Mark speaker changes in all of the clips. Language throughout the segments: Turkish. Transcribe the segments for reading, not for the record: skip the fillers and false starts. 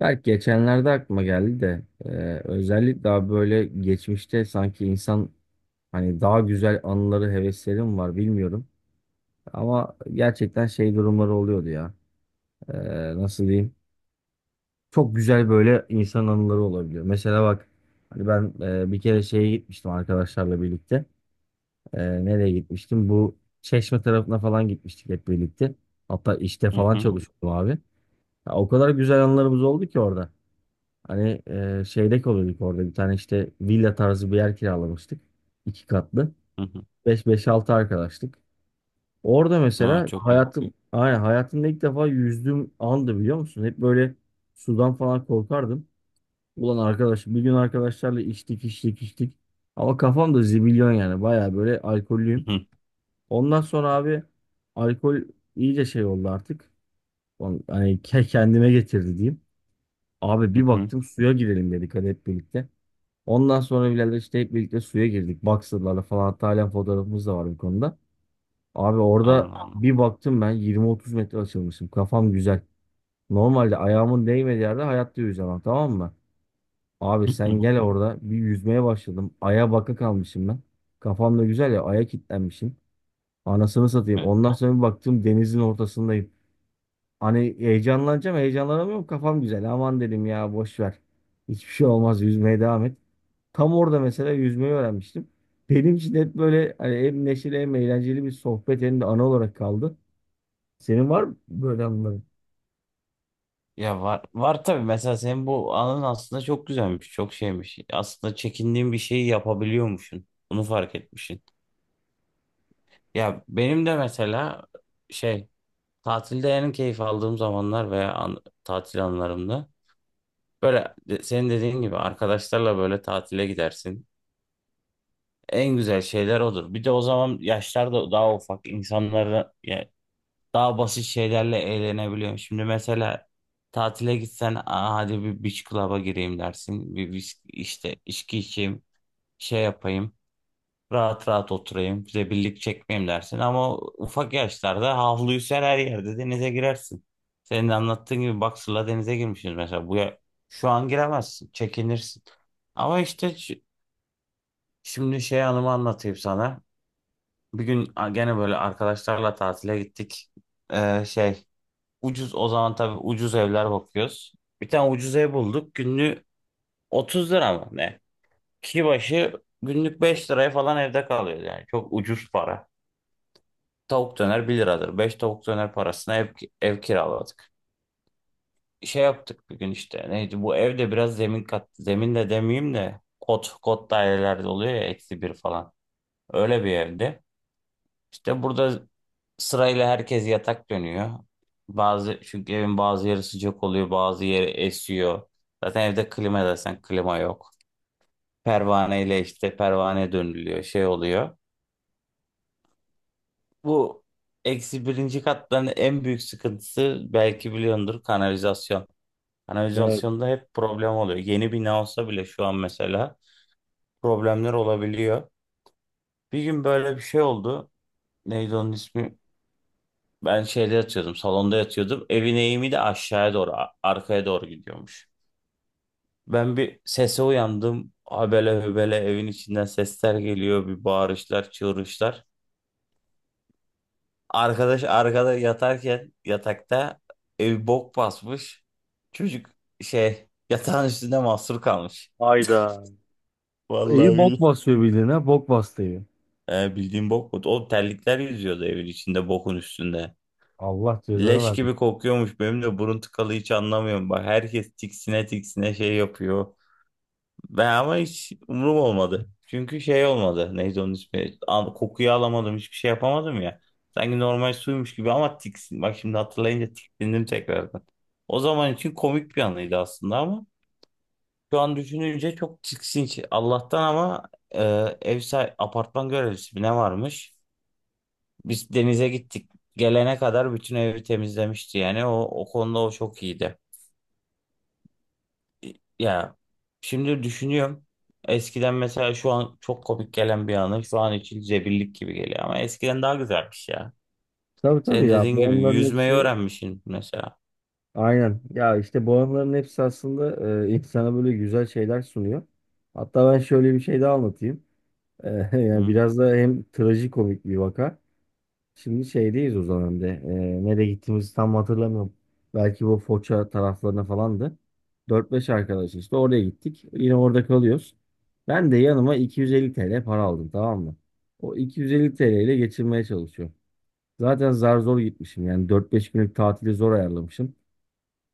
Speaker 1: Belki geçenlerde aklıma geldi de özellikle daha böyle geçmişte sanki insan hani daha güzel anıları hevesleri mi var bilmiyorum. Ama gerçekten şey durumları oluyordu ya. E, Nasıl diyeyim? Çok güzel böyle insan anıları olabiliyor. Mesela bak hani ben bir kere
Speaker 2: Hı
Speaker 1: şeye gitmiştim arkadaşlarla birlikte. Nereye gitmiştim? Bu Çeşme tarafına falan gitmiştik hep birlikte. Hatta işte
Speaker 2: hı
Speaker 1: falan
Speaker 2: hı.
Speaker 1: çalışıyordum abi. Ya o kadar güzel anılarımız oldu ki orada. Hani şeyde kalıyorduk orada bir tane işte villa tarzı bir yer kiralamıştık. İki katlı.
Speaker 2: Hı hı.
Speaker 1: Beş altı arkadaştık. Orada
Speaker 2: Aa,
Speaker 1: mesela
Speaker 2: çok iyi.
Speaker 1: hayatım aynen hayatımda ilk defa yüzdüğüm andı biliyor musun? Hep böyle sudan falan korkardım. Ulan arkadaş bir gün arkadaşlarla içtik içtik içtik. Ama kafam da zibilyon yani baya böyle alkollüyüm.
Speaker 2: Hı hı
Speaker 1: Ondan sonra abi alkol iyice şey oldu artık. Kendime getirdi diyeyim. Abi
Speaker 2: hı
Speaker 1: bir
Speaker 2: hı.
Speaker 1: baktım suya girelim dedik hadi hep birlikte. Ondan sonra birader işte hep birlikte suya girdik. Boxer'larla falan hatta halen fotoğrafımız da var bu konuda. Abi orada
Speaker 2: Anladım.
Speaker 1: bir baktım ben 20-30 metre açılmışım. Kafam güzel. Normalde ayağımın değmediği yerde hayatta yüzemem, tamam mı? Abi
Speaker 2: Hı
Speaker 1: sen
Speaker 2: hı.
Speaker 1: gel orada bir yüzmeye başladım. Aya baka kalmışım ben. Kafam da güzel ya, aya kilitlenmişim. Anasını satayım.
Speaker 2: Evet.
Speaker 1: Ondan sonra bir baktım denizin ortasındayım. Hani heyecanlanacağım heyecanlanamıyorum kafam güzel. Aman dedim ya boş ver. Hiçbir şey olmaz yüzmeye devam et. Tam orada mesela yüzmeyi öğrenmiştim. Benim için hep böyle hani hem neşeli hem eğlenceli bir sohbet hem de ana olarak kaldı. Senin var mı böyle anıların?
Speaker 2: Ya var var tabii, mesela senin bu anın aslında çok güzelmiş, çok şeymiş. Aslında çekindiğin bir şeyi yapabiliyormuşsun. Bunu fark etmişsin. Ya benim de mesela şey, tatilde en keyif aldığım zamanlar veya tatil anlarımda, böyle senin dediğin gibi arkadaşlarla böyle tatile gidersin. En güzel şeyler odur. Bir de o zaman yaşlar da daha ufak insanlara, daha basit şeylerle eğlenebiliyorum. Şimdi mesela tatile gitsen, aa, hadi bir beach club'a gireyim dersin. Bir işte içki içeyim, şey yapayım. Rahat rahat oturayım, birlik çekmeyeyim dersin. Ama ufak yaşlarda havluyu ser, her yerde denize girersin. Senin de anlattığın gibi boxer'la denize girmişsiniz mesela. Şu an giremezsin, çekinirsin. Ama işte şimdi şey, anımı anlatayım sana. Bir gün gene böyle arkadaşlarla tatile gittik. Şey, ucuz o zaman, tabii ucuz evler bakıyoruz. Bir tane ucuz ev bulduk. Günlük 30 lira mı ne? Kişi başı günlük 5 liraya falan evde kalıyor yani. Çok ucuz para. Tavuk döner 1 liradır. 5 tavuk döner parasına ev, kiraladık. Şey yaptık bir gün işte. Neydi bu evde, biraz zemin kat. Zemin de demeyeyim de kot dairelerde oluyor ya, eksi bir falan. Öyle bir evdi. İşte burada sırayla herkes yatak dönüyor. Bazı, çünkü evin bazı yeri sıcak oluyor, bazı yeri esiyor. Zaten evde klima desen klima yok. Pervaneyle işte, pervane dönülüyor, şey oluyor. Bu eksi birinci katların en büyük sıkıntısı, belki biliyordur, kanalizasyon.
Speaker 1: Evet.
Speaker 2: Kanalizasyonda hep problem oluyor. Yeni bina olsa bile şu an mesela problemler olabiliyor. Bir gün böyle bir şey oldu. Neydi onun ismi? Ben şeyde yatıyordum, salonda yatıyordum. Evin eğimi de aşağıya doğru, arkaya doğru gidiyormuş. Ben bir sese uyandım. Habele hübele evin içinden sesler geliyor, bir bağırışlar, çığırışlar. Arkadaş arkada yatarken, yatakta evi bok basmış. Çocuk şey, yatağın üstünde mahsur kalmış.
Speaker 1: Hayda.
Speaker 2: Vallahi
Speaker 1: Evi bok
Speaker 2: billahi.
Speaker 1: basıyor bildiğin, ha. Bok bastı evi.
Speaker 2: Bildiğin bok mu? O terlikler yüzüyordu evin içinde, bokun üstünde.
Speaker 1: Allah cezanı
Speaker 2: Leş
Speaker 1: versin.
Speaker 2: gibi kokuyormuş. Benim de burun tıkalı, hiç anlamıyorum. Bak herkes tiksine tiksine şey yapıyor. Ben ama hiç umurum olmadı. Çünkü şey olmadı. Neydi onun ismi? Kokuyu alamadım. Hiçbir şey yapamadım ya. Sanki normal suymuş gibi, ama tiksin. Bak şimdi hatırlayınca tiksindim tekrardan. O zaman için komik bir anıydı aslında, ama şu an düşününce çok tiksinç. Allah'tan ama e, ev sahibi, apartman görevlisi mi ne varmış? Biz denize gittik. Gelene kadar bütün evi temizlemişti yani. O konuda o çok iyiydi. Ya, şimdi düşünüyorum. Eskiden mesela, şu an çok komik gelen bir anı şu an için zebillik gibi geliyor, ama eskiden daha güzelmiş ya.
Speaker 1: Tabii tabii
Speaker 2: Senin
Speaker 1: ya,
Speaker 2: dediğin
Speaker 1: bu
Speaker 2: gibi
Speaker 1: anıların
Speaker 2: yüzmeyi
Speaker 1: hepsi
Speaker 2: öğrenmişsin mesela.
Speaker 1: aynen. Ya işte bu anıların hepsi aslında insana böyle güzel şeyler sunuyor. Hatta ben şöyle bir şey daha anlatayım. E, yani
Speaker 2: Hı
Speaker 1: biraz da hem trajikomik bir vaka. Şimdi şeydeyiz o zaman bir de. Nereye gittiğimizi tam hatırlamıyorum. Belki bu Foça taraflarına falandı. Dört beş arkadaş işte oraya gittik. Yine orada kalıyoruz. Ben de yanıma 250 TL para aldım, tamam mı? O 250 TL ile geçirmeye çalışıyorum. Zaten zar zor gitmişim yani dört beş günlük tatili zor ayarlamışım.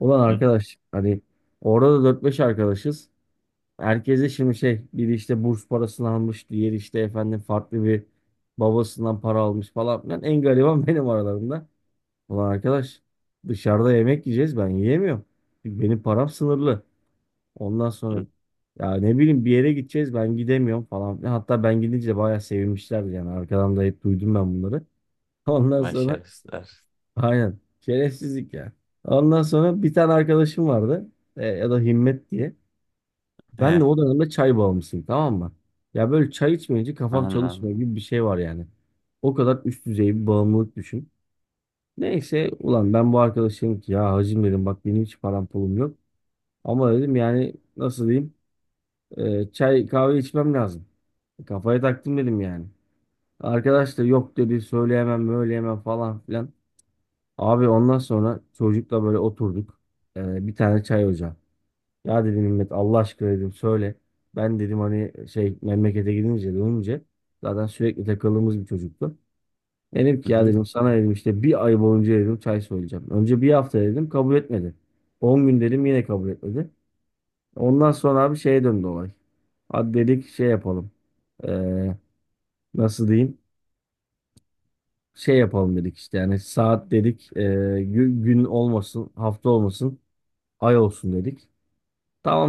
Speaker 1: Ulan
Speaker 2: hı
Speaker 1: arkadaş hani orada da 4-5 arkadaşız. Herkese şimdi şey, biri işte burs parasını almış, diğeri işte efendim farklı bir babasından para almış falan filan. En gariban benim aralarında. Ulan arkadaş dışarıda yemek yiyeceğiz ben yiyemiyorum. Çünkü benim param sınırlı. Ondan sonra
Speaker 2: hı.
Speaker 1: ya ne bileyim bir yere gideceğiz ben gidemiyorum falan filan. Hatta ben gidince de bayağı sevinmişlerdi yani arkadan da hep duydum ben bunları. Ondan sonra
Speaker 2: Başarısızlar.
Speaker 1: aynen şerefsizlik ya. Ondan sonra bir tane arkadaşım vardı, ya da Himmet diye. Ben
Speaker 2: He,
Speaker 1: de o dönemde çay bağımlısıyım, tamam mı? Ya böyle çay içmeyince kafam çalışmıyor
Speaker 2: anladım.
Speaker 1: gibi bir şey var yani. O kadar üst düzey bir bağımlılık düşün. Neyse ulan ben bu arkadaşım ki ya, hacım dedim, bak benim hiç param pulum yok. Ama dedim yani nasıl diyeyim, çay kahve içmem lazım. Kafaya taktım dedim yani. Arkadaş da yok dedi, söyleyemem söyleyemem falan filan. Abi ondan sonra çocukla böyle oturduk. Bir tane çay ocağı. Ya dedim Mehmet, Allah aşkına dedim, söyle. Ben dedim hani şey memlekete gidince dönünce, zaten sürekli takıldığımız bir çocuktu. Dedim ki
Speaker 2: Hı
Speaker 1: ya
Speaker 2: hı
Speaker 1: dedim, sana dedim işte bir ay boyunca dedim çay söyleyeceğim. Önce bir hafta dedim, kabul etmedi. 10 gün dedim, yine kabul etmedi. Ondan sonra abi şeye döndü olay. Hadi dedik şey yapalım. Ee, Nasıl diyeyim? Şey yapalım dedik işte yani saat dedik. Gün olmasın hafta olmasın ay olsun dedik.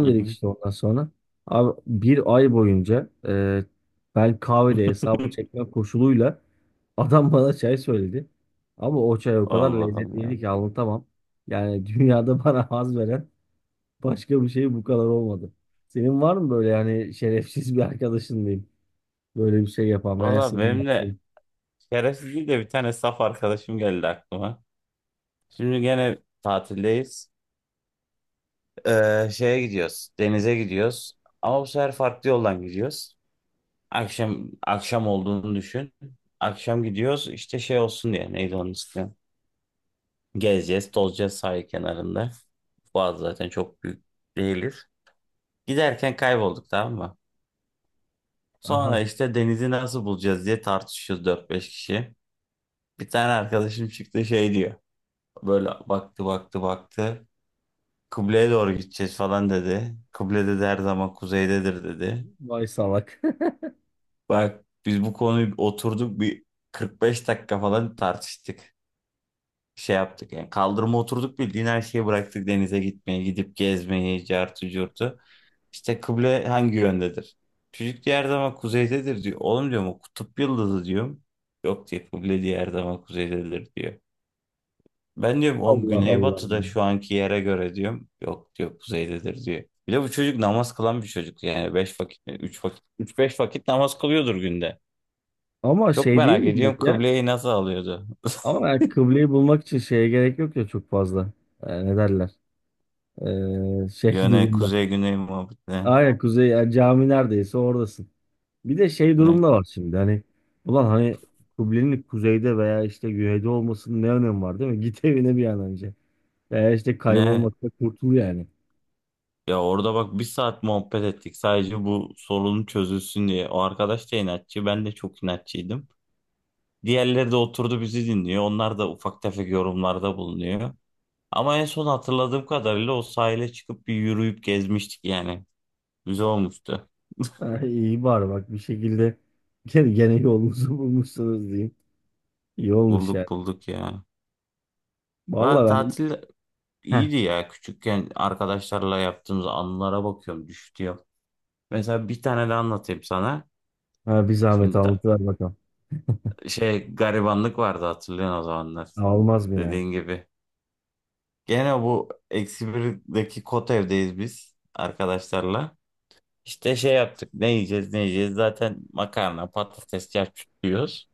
Speaker 2: hı.
Speaker 1: dedik
Speaker 2: Hı.
Speaker 1: işte ondan sonra. Abi bir ay boyunca ben kahvede hesabı çekme koşuluyla adam bana çay söyledi. Ama o çay o kadar
Speaker 2: Allah Allah.
Speaker 1: lezzetliydi ki anlatamam. Yani dünyada bana haz veren başka bir şey bu kadar olmadı. Senin var mı böyle yani şerefsiz bir arkadaşın diyeyim. Böyle bir şey yapan veya
Speaker 2: Valla
Speaker 1: senin
Speaker 2: benim de
Speaker 1: yaptığın.
Speaker 2: şerefsiz değil de, bir tane saf arkadaşım geldi aklıma. Şimdi gene tatildeyiz. Şeye gidiyoruz. Denize gidiyoruz. Ama bu sefer farklı yoldan gidiyoruz. Akşam, akşam olduğunu düşün. Akşam gidiyoruz işte, şey olsun diye, neydi onun ismi? Gezeceğiz, tozacağız sahil kenarında. Boğaz zaten çok büyük değiliz. Giderken kaybolduk, tamam mı? Sonra
Speaker 1: Aha,
Speaker 2: işte denizi nasıl bulacağız diye tartışıyoruz dört beş kişi. Bir tane arkadaşım çıktı şey diyor. Böyle baktı baktı baktı. Kıbleye doğru gideceğiz falan dedi. Kıble, dedi, her zaman kuzeydedir dedi.
Speaker 1: vay salak.
Speaker 2: Bak biz bu konuyu oturduk bir 45 dakika falan tartıştık. Şey yaptık yani, kaldırıma oturduk, bildiğin her şeyi bıraktık, denize gitmeyi, gidip gezmeyi, cartı curtu. İşte kıble hangi yöndedir? Çocuk, diğer zaman kuzeydedir diyor. Oğlum, diyorum, o kutup yıldızı diyorum. Yok diyor, kıble diğer zaman kuzeydedir diyor. Ben diyorum oğlum,
Speaker 1: Allah Allah.
Speaker 2: güneybatıda şu anki yere göre diyorum. Yok diyor, kuzeydedir diyor. Bir de bu çocuk namaz kılan bir çocuk yani, beş vakit, üç vakit, 3 5 vakit namaz kılıyordur günde.
Speaker 1: Ama
Speaker 2: Çok
Speaker 1: şey değil
Speaker 2: merak
Speaker 1: mi
Speaker 2: ediyorum,
Speaker 1: demek ya?
Speaker 2: kıbleyi nasıl alıyordu?
Speaker 1: Ama yani kıbleyi bulmak için şeye gerek yok ya çok fazla. Ne derler? Şey
Speaker 2: Yöne,
Speaker 1: durumda.
Speaker 2: kuzey güney muhabbetine.
Speaker 1: Aynen kuzey yani cami neredeyse oradasın. Bir de şey durumda var şimdi hani ulan hani kıblenin kuzeyde veya işte güneyde olmasının ne önemi var değil mi? Git evine bir an önce. Veya işte
Speaker 2: Ne?
Speaker 1: kaybolmakta kurtul yani.
Speaker 2: Ya orada bak, 1 saat muhabbet ettik sadece bu sorunun çözülsün diye. O arkadaş da inatçı, ben de çok inatçıydım. Diğerleri de oturdu bizi dinliyor. Onlar da ufak tefek yorumlarda bulunuyor. Ama en son hatırladığım kadarıyla o sahile çıkıp bir yürüyüp gezmiştik yani. Güzel olmuştu.
Speaker 1: Ha, iyi bari bak bir şekilde gene yolunuzu bulmuşsunuz diyeyim. İyi olmuş yani.
Speaker 2: Bulduk bulduk ya. Va
Speaker 1: Vallahi ben,
Speaker 2: tatil
Speaker 1: heh,
Speaker 2: iyiydi ya. Küçükken arkadaşlarla yaptığımız anılara bakıyorum, düştü ya. Mesela bir tane de anlatayım sana.
Speaker 1: ha, bir zahmet
Speaker 2: Şimdi
Speaker 1: anlatıver bakalım.
Speaker 2: şey, garibanlık vardı, hatırlıyorsun o zamanlar.
Speaker 1: Almaz mı yani?
Speaker 2: Dediğin gibi. Gene bu eksi birdeki kot evdeyiz biz arkadaşlarla. İşte şey yaptık, ne yiyeceğiz ne yiyeceğiz, zaten makarna patates çarçur yiyoruz.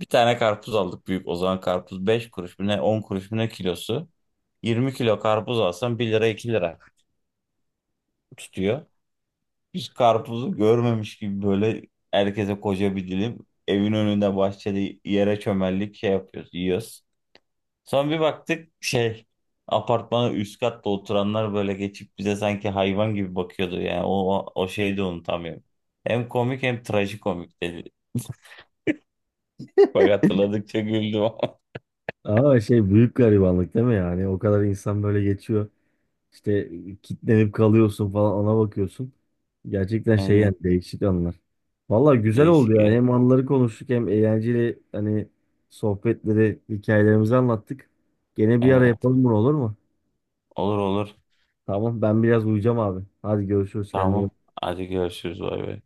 Speaker 2: Bir tane karpuz aldık büyük, o zaman karpuz 5 kuruş mu ne, 10 kuruş mu ne kilosu. 20 kilo karpuz alsan 1 lira 2 lira tutuyor. Biz karpuzu görmemiş gibi böyle herkese koca bir dilim, evin önünde bahçede yere çömeldik, şey yapıyoruz, yiyoruz. Sonra bir baktık şey, apartmanın üst katta oturanlar böyle geçip bize sanki hayvan gibi bakıyordu yani, o şeyi de unutamıyorum. Hem komik hem trajikomik dedi. Bak hatırladıkça güldüm ama.
Speaker 1: Ama şey büyük garibanlık değil mi yani? O kadar insan böyle geçiyor. İşte kitlenip kalıyorsun falan ona bakıyorsun. Gerçekten şey yani
Speaker 2: Aynen,
Speaker 1: değişik anlar. Valla güzel oldu
Speaker 2: değişik
Speaker 1: ya.
Speaker 2: ya.
Speaker 1: Hem anıları konuştuk hem eğlenceli hani sohbetleri, hikayelerimizi anlattık. Gene bir ara
Speaker 2: Evet,
Speaker 1: yapalım bunu, olur mu?
Speaker 2: olur olur,
Speaker 1: Tamam ben biraz uyuyacağım abi. Hadi görüşürüz, kendine iyi
Speaker 2: tamam.
Speaker 1: bak.
Speaker 2: Hadi görüşürüz, bay bay.